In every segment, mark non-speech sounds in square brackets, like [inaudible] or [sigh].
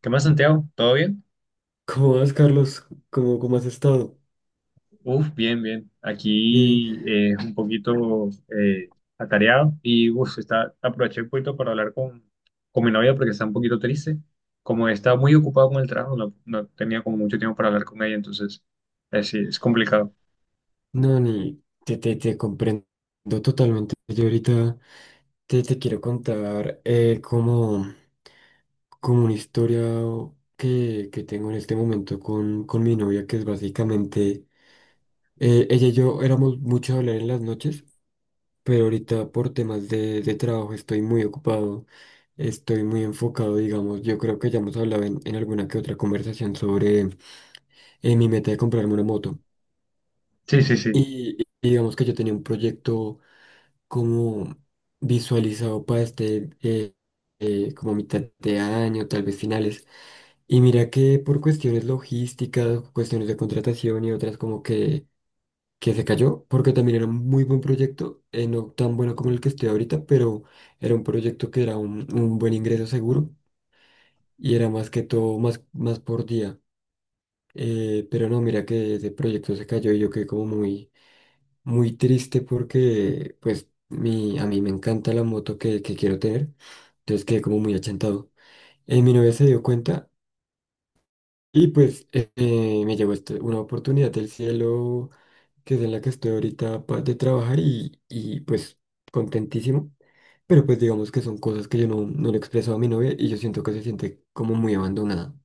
¿Qué más, Santiago? ¿Todo bien? ¿Cómo vas, Carlos? ¿Cómo has estado? Uf, bien, bien. Bien. Aquí es un poquito atareado y uf, está, aproveché un poquito para hablar con mi novia porque está un poquito triste. Como estaba muy ocupado con el trabajo, no tenía como mucho tiempo para hablar con ella, entonces sí, es complicado. No, ni te comprendo totalmente. Yo ahorita te quiero contar como, como una historia que tengo en este momento con mi novia, que es básicamente, ella y yo éramos mucho a hablar en las noches, pero ahorita por temas de trabajo estoy muy ocupado, estoy muy enfocado, digamos. Yo creo que ya hemos hablado en alguna que otra conversación sobre mi meta de comprarme una moto. Sí, sí, sí. Y digamos que yo tenía un proyecto como visualizado para este, como mitad de año, tal vez finales. Y mira que por cuestiones logísticas, cuestiones de contratación y otras como que se cayó, porque también era un muy buen proyecto, no tan bueno como el que estoy ahorita, pero era un proyecto que era un buen ingreso seguro y era más que todo más, más por día. Pero no, mira que ese proyecto se cayó y yo quedé como muy muy triste porque pues mi, a mí me encanta la moto que quiero tener, entonces quedé como muy achantado. Mi novia se dio cuenta y pues me llegó una oportunidad del cielo que es en la que estoy ahorita de trabajar y pues contentísimo, pero pues digamos que son cosas que yo no, no le he expresado a mi novia y yo siento que se siente como muy abandonada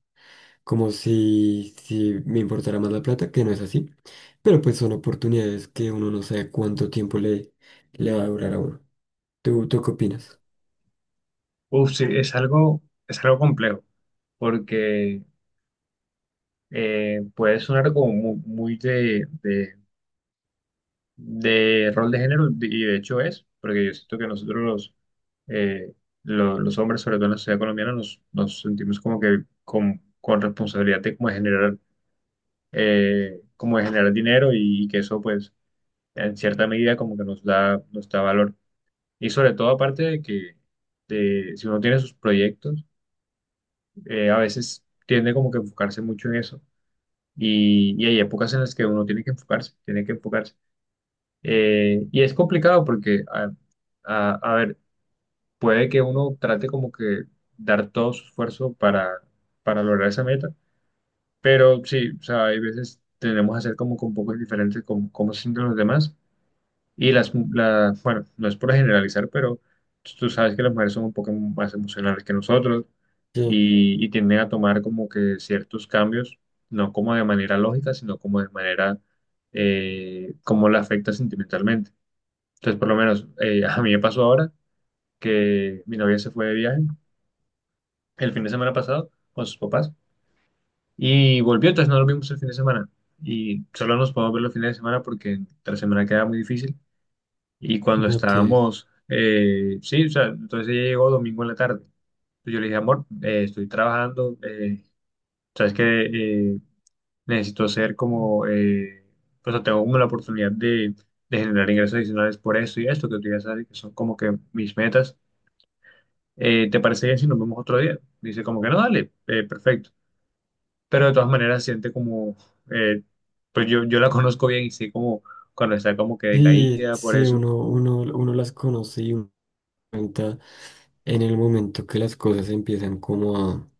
como si, si me importara más la plata, que no es así, pero pues son oportunidades que uno no sabe cuánto tiempo le, le va a durar a uno. ¿Tú qué opinas? Uf, sí, es algo complejo porque puede sonar como muy, de rol de género, y de hecho es, porque yo siento que nosotros eh, los hombres, sobre todo en la sociedad colombiana, nos sentimos como que con responsabilidad de como de generar dinero y, que eso pues en cierta medida como que nos da valor. Y sobre todo aparte de que si uno tiene sus proyectos, a veces tiende como que a enfocarse mucho en eso. Y hay épocas en las que uno tiene que enfocarse, tiene que enfocarse. Y es complicado porque, a ver, puede que uno trate como que dar todo su esfuerzo para lograr esa meta, pero sí, o sea, hay veces tenemos que hacer como con pocos diferentes con cómo se sienten los demás. Y bueno, no es por generalizar, pero tú sabes que las mujeres son un poco más emocionales que nosotros Yo, y tienden a tomar como que ciertos cambios, no como de manera lógica, sino como de manera, como la afecta sentimentalmente. Entonces, por lo menos a mí me pasó ahora que mi novia se fue de viaje el fin de semana pasado con sus papás y volvió, entonces no lo vimos el fin de semana. Y solo nos podemos ver los fines de semana porque la semana queda muy difícil. Y cuando no te... estábamos, sí, o sea, entonces ella llegó domingo en la tarde. Entonces yo le dije, amor, estoy trabajando, sabes que eh, necesito hacer como, pues, o sea, tengo como la oportunidad de generar ingresos adicionales por esto y esto que tú ya sabes que son como que mis metas. ¿Te parece bien si nos vemos otro día? Dice como que no, dale, perfecto. Pero de todas maneras siente como, eh, pues yo la conozco bien y sé como cuando está como que Sí, decaída por sí, eso. uno las conoce y uno cuenta en el momento que las cosas empiezan como a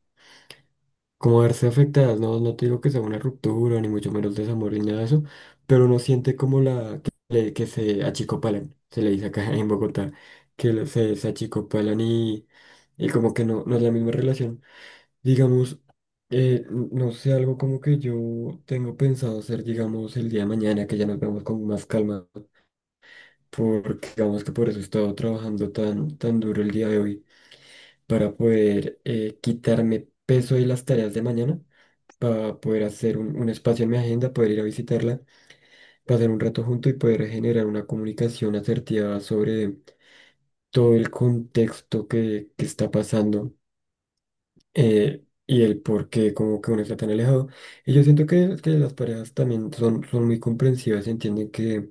como verse afectadas, no, no te digo que sea una ruptura, ni mucho menos desamor, ni nada de eso, pero uno siente como la que, que se achicopalan, se le dice acá [laughs] en Bogotá, que se, se achicopalan y como que no, no es la misma relación. Digamos, no sé, algo como que yo tengo pensado hacer, digamos, el día de mañana, que ya nos vemos con más calma, porque digamos que por eso he estado trabajando tan, tan duro el día de hoy, para poder quitarme peso de las tareas de mañana para poder hacer un espacio en mi agenda, poder ir a visitarla, pasar un rato junto y poder generar una comunicación asertiva sobre todo el contexto que está pasando y el por qué como que uno está tan alejado. Y yo siento que las parejas también son, son muy comprensivas, entienden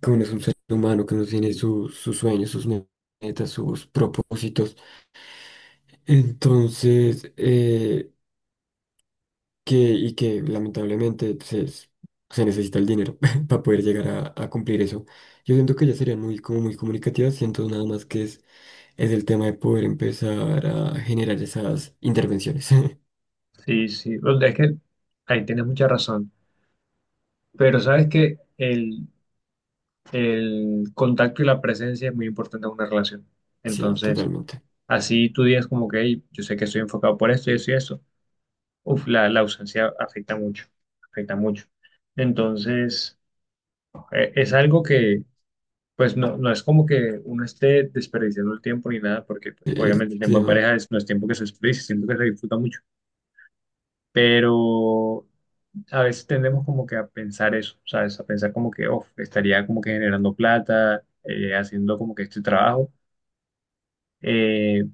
que uno es un ser humano, que uno tiene sus sueños, sus metas, sus propósitos. Entonces, que, y que lamentablemente pues, se necesita el dinero [laughs] para poder llegar a cumplir eso. Yo siento que ellas serían muy, como muy comunicativas, siento nada más que es el tema de poder empezar a generar esas intervenciones. [laughs] Sí, sí, o sea, es que ahí tienes mucha razón. Pero sabes que el contacto y la presencia es muy importante en una relación. Sí, Entonces, totalmente. así tú digas como que, "Ey, yo sé que estoy enfocado por esto y eso y eso". Uf, la ausencia afecta mucho, afecta mucho. Entonces, es algo que... Pues no, no es como que uno esté desperdiciando el tiempo ni nada, porque pues, El obviamente el tiempo en tema. pareja es, no es tiempo que se desperdicia, siento que se disfruta mucho, pero a veces tendemos como que a pensar eso, ¿sabes? A pensar como que, oh, estaría como que generando plata, haciendo como que este trabajo, eh,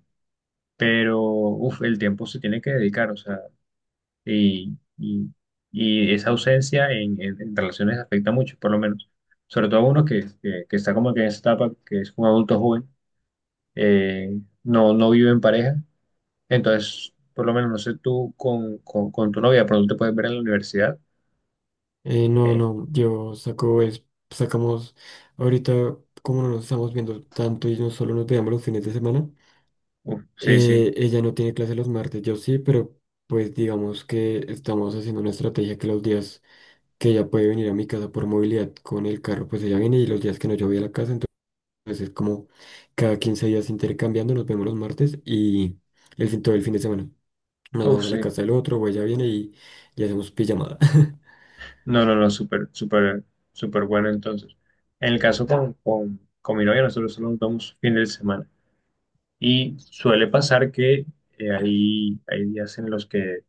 pero, uff, el tiempo se tiene que dedicar, o sea, y, y, y esa ausencia en relaciones afecta mucho, por lo menos, sobre todo a uno que está como que en esa etapa, que es un adulto joven no, no vive en pareja. Entonces, por lo menos, no sé, tú con tu novia, pronto te puedes ver en la universidad. No, Eh, no, yo saco es, sacamos ahorita, como no nos estamos viendo tanto y no solo nos veamos los fines de semana, uf, sí, sí, ella no tiene clase los martes, yo sí, pero pues digamos que estamos haciendo una estrategia que los días que ella puede venir a mi casa por movilidad con el carro, pues ella viene y los días que no yo voy a la casa, entonces es como cada 15 días intercambiando, nos vemos los martes y el fin, todo el fin de semana. Nos uf, vamos a la sí. casa del otro, o ella viene y hacemos pijamada. [laughs] No, no, no, súper, súper, súper bueno entonces. En el caso con mi novia, nosotros solo nos vamos fin de semana. Y suele pasar que hay días en los que,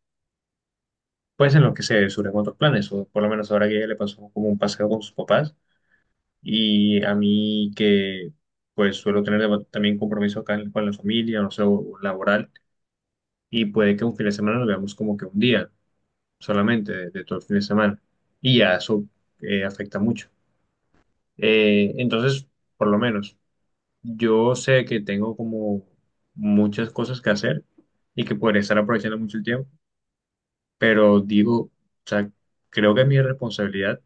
pues en los que se surgen otros planes, o por lo menos ahora que ella le pasó como un paseo con sus papás. Y a mí que pues suelo tener también compromiso con la familia, no sé, o laboral, y puede que un fin de semana lo veamos como que un día solamente de todo el fin de semana. Y ya eso afecta mucho. Entonces, por lo menos, yo sé que tengo como muchas cosas que hacer y que podría estar aprovechando mucho el tiempo, pero digo, o sea, creo que es mi responsabilidad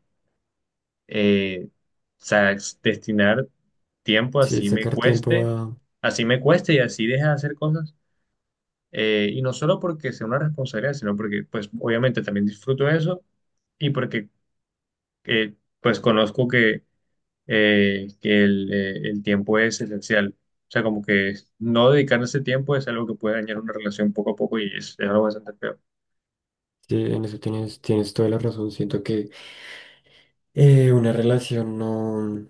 o sea, destinar tiempo Sí, sacar tiempo a... así me cueste y así deje de hacer cosas. Y no solo porque sea una responsabilidad, sino porque pues obviamente también disfruto eso y porque eh, pues conozco que el tiempo es esencial. O sea, como que no dedicar ese tiempo es algo que puede dañar una relación poco a poco y es algo bastante feo. Sí, en eso tienes, tienes toda la razón. Siento que una relación no,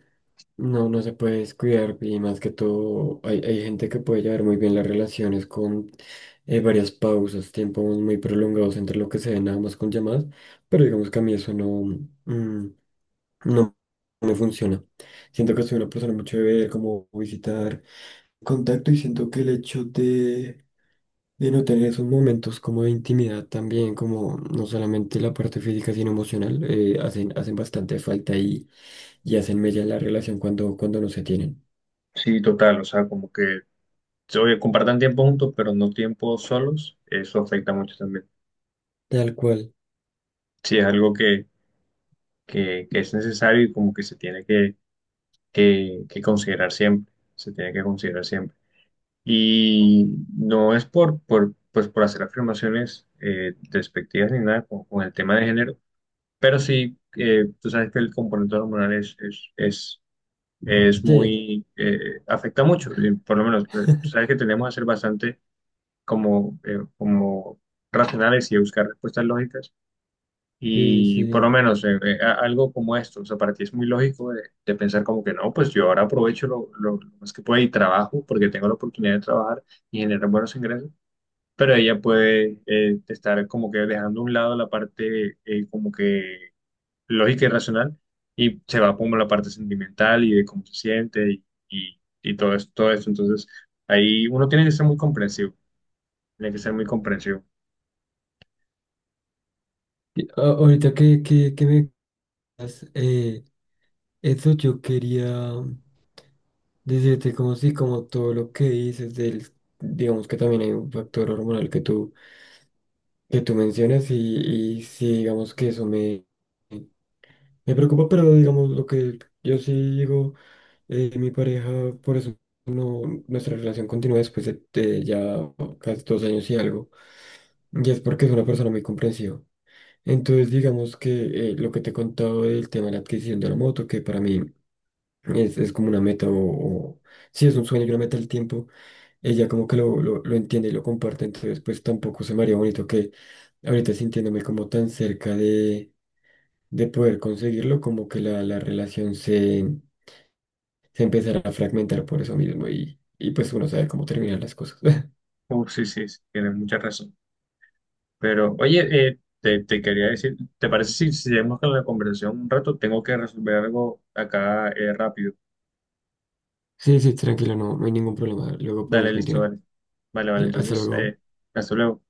no, no se puede descuidar y más que todo hay, hay gente que puede llevar muy bien las relaciones con varias pausas, tiempos muy prolongados entre lo que se ve nada más con llamadas, pero digamos que a mí eso no, mm, no me funciona. Siento que soy una persona mucho de ver, como visitar contacto y siento que el hecho de no tener esos momentos como de intimidad también, como no solamente la parte física, sino emocional, hacen, hacen bastante falta y hacen mella la relación cuando, cuando no se tienen. Sí, total, o sea, como que, oye, compartan tiempo juntos, pero no tiempo solos, eso afecta mucho también. Tal cual. Sí, es algo que es necesario y como que se tiene que, que considerar siempre, se tiene que considerar siempre. Y no es pues por hacer afirmaciones despectivas ni nada con el tema de género, pero sí, tú sabes que el componente hormonal es Sí, muy, afecta mucho, y por lo menos, tú sabes [laughs] que tenemos que ser bastante como, como racionales y buscar respuestas lógicas. sí, Y por lo sí. menos algo como esto, o sea, para ti es muy lógico de pensar como que no, pues yo ahora aprovecho lo más que pueda y trabajo porque tengo la oportunidad de trabajar y generar buenos ingresos, pero ella puede estar como que dejando a un lado la parte como que lógica y racional y se va como la parte sentimental y de cómo se siente y todo esto, todo esto. Entonces, ahí uno tiene que ser muy comprensivo, tiene que ser muy comprensivo. Y ahorita que me... cuentas. Eso yo quería... Decirte como sí, como todo lo que dices del, digamos que también hay un factor hormonal que tú mencionas y sí, digamos que eso me... Me preocupa, pero digamos lo que yo sí digo, mi pareja, por eso no, nuestra relación continúa después de ya casi 2 años y algo, y es porque es una persona muy comprensiva. Entonces, digamos que lo que te he contado del tema de la adquisición de la moto, que para mí es como una meta o, si es un sueño y una meta del tiempo, ella como que lo entiende y lo comparte, entonces pues tampoco se me haría bonito que ahorita sintiéndome como tan cerca de poder conseguirlo, como que la relación se, se empezará a fragmentar por eso mismo y pues uno sabe cómo terminan las cosas. [laughs] Uf, sí, sí, sí, tienes mucha razón. Pero, oye, te quería decir, ¿te parece si seguimos con la conversación un rato? Tengo que resolver algo acá rápido. Sí, sí, tranquilo, no, no hay ningún problema. Luego Dale, podemos listo, continuar. dale. Vale, vale, Hasta entonces, luego. Hasta luego.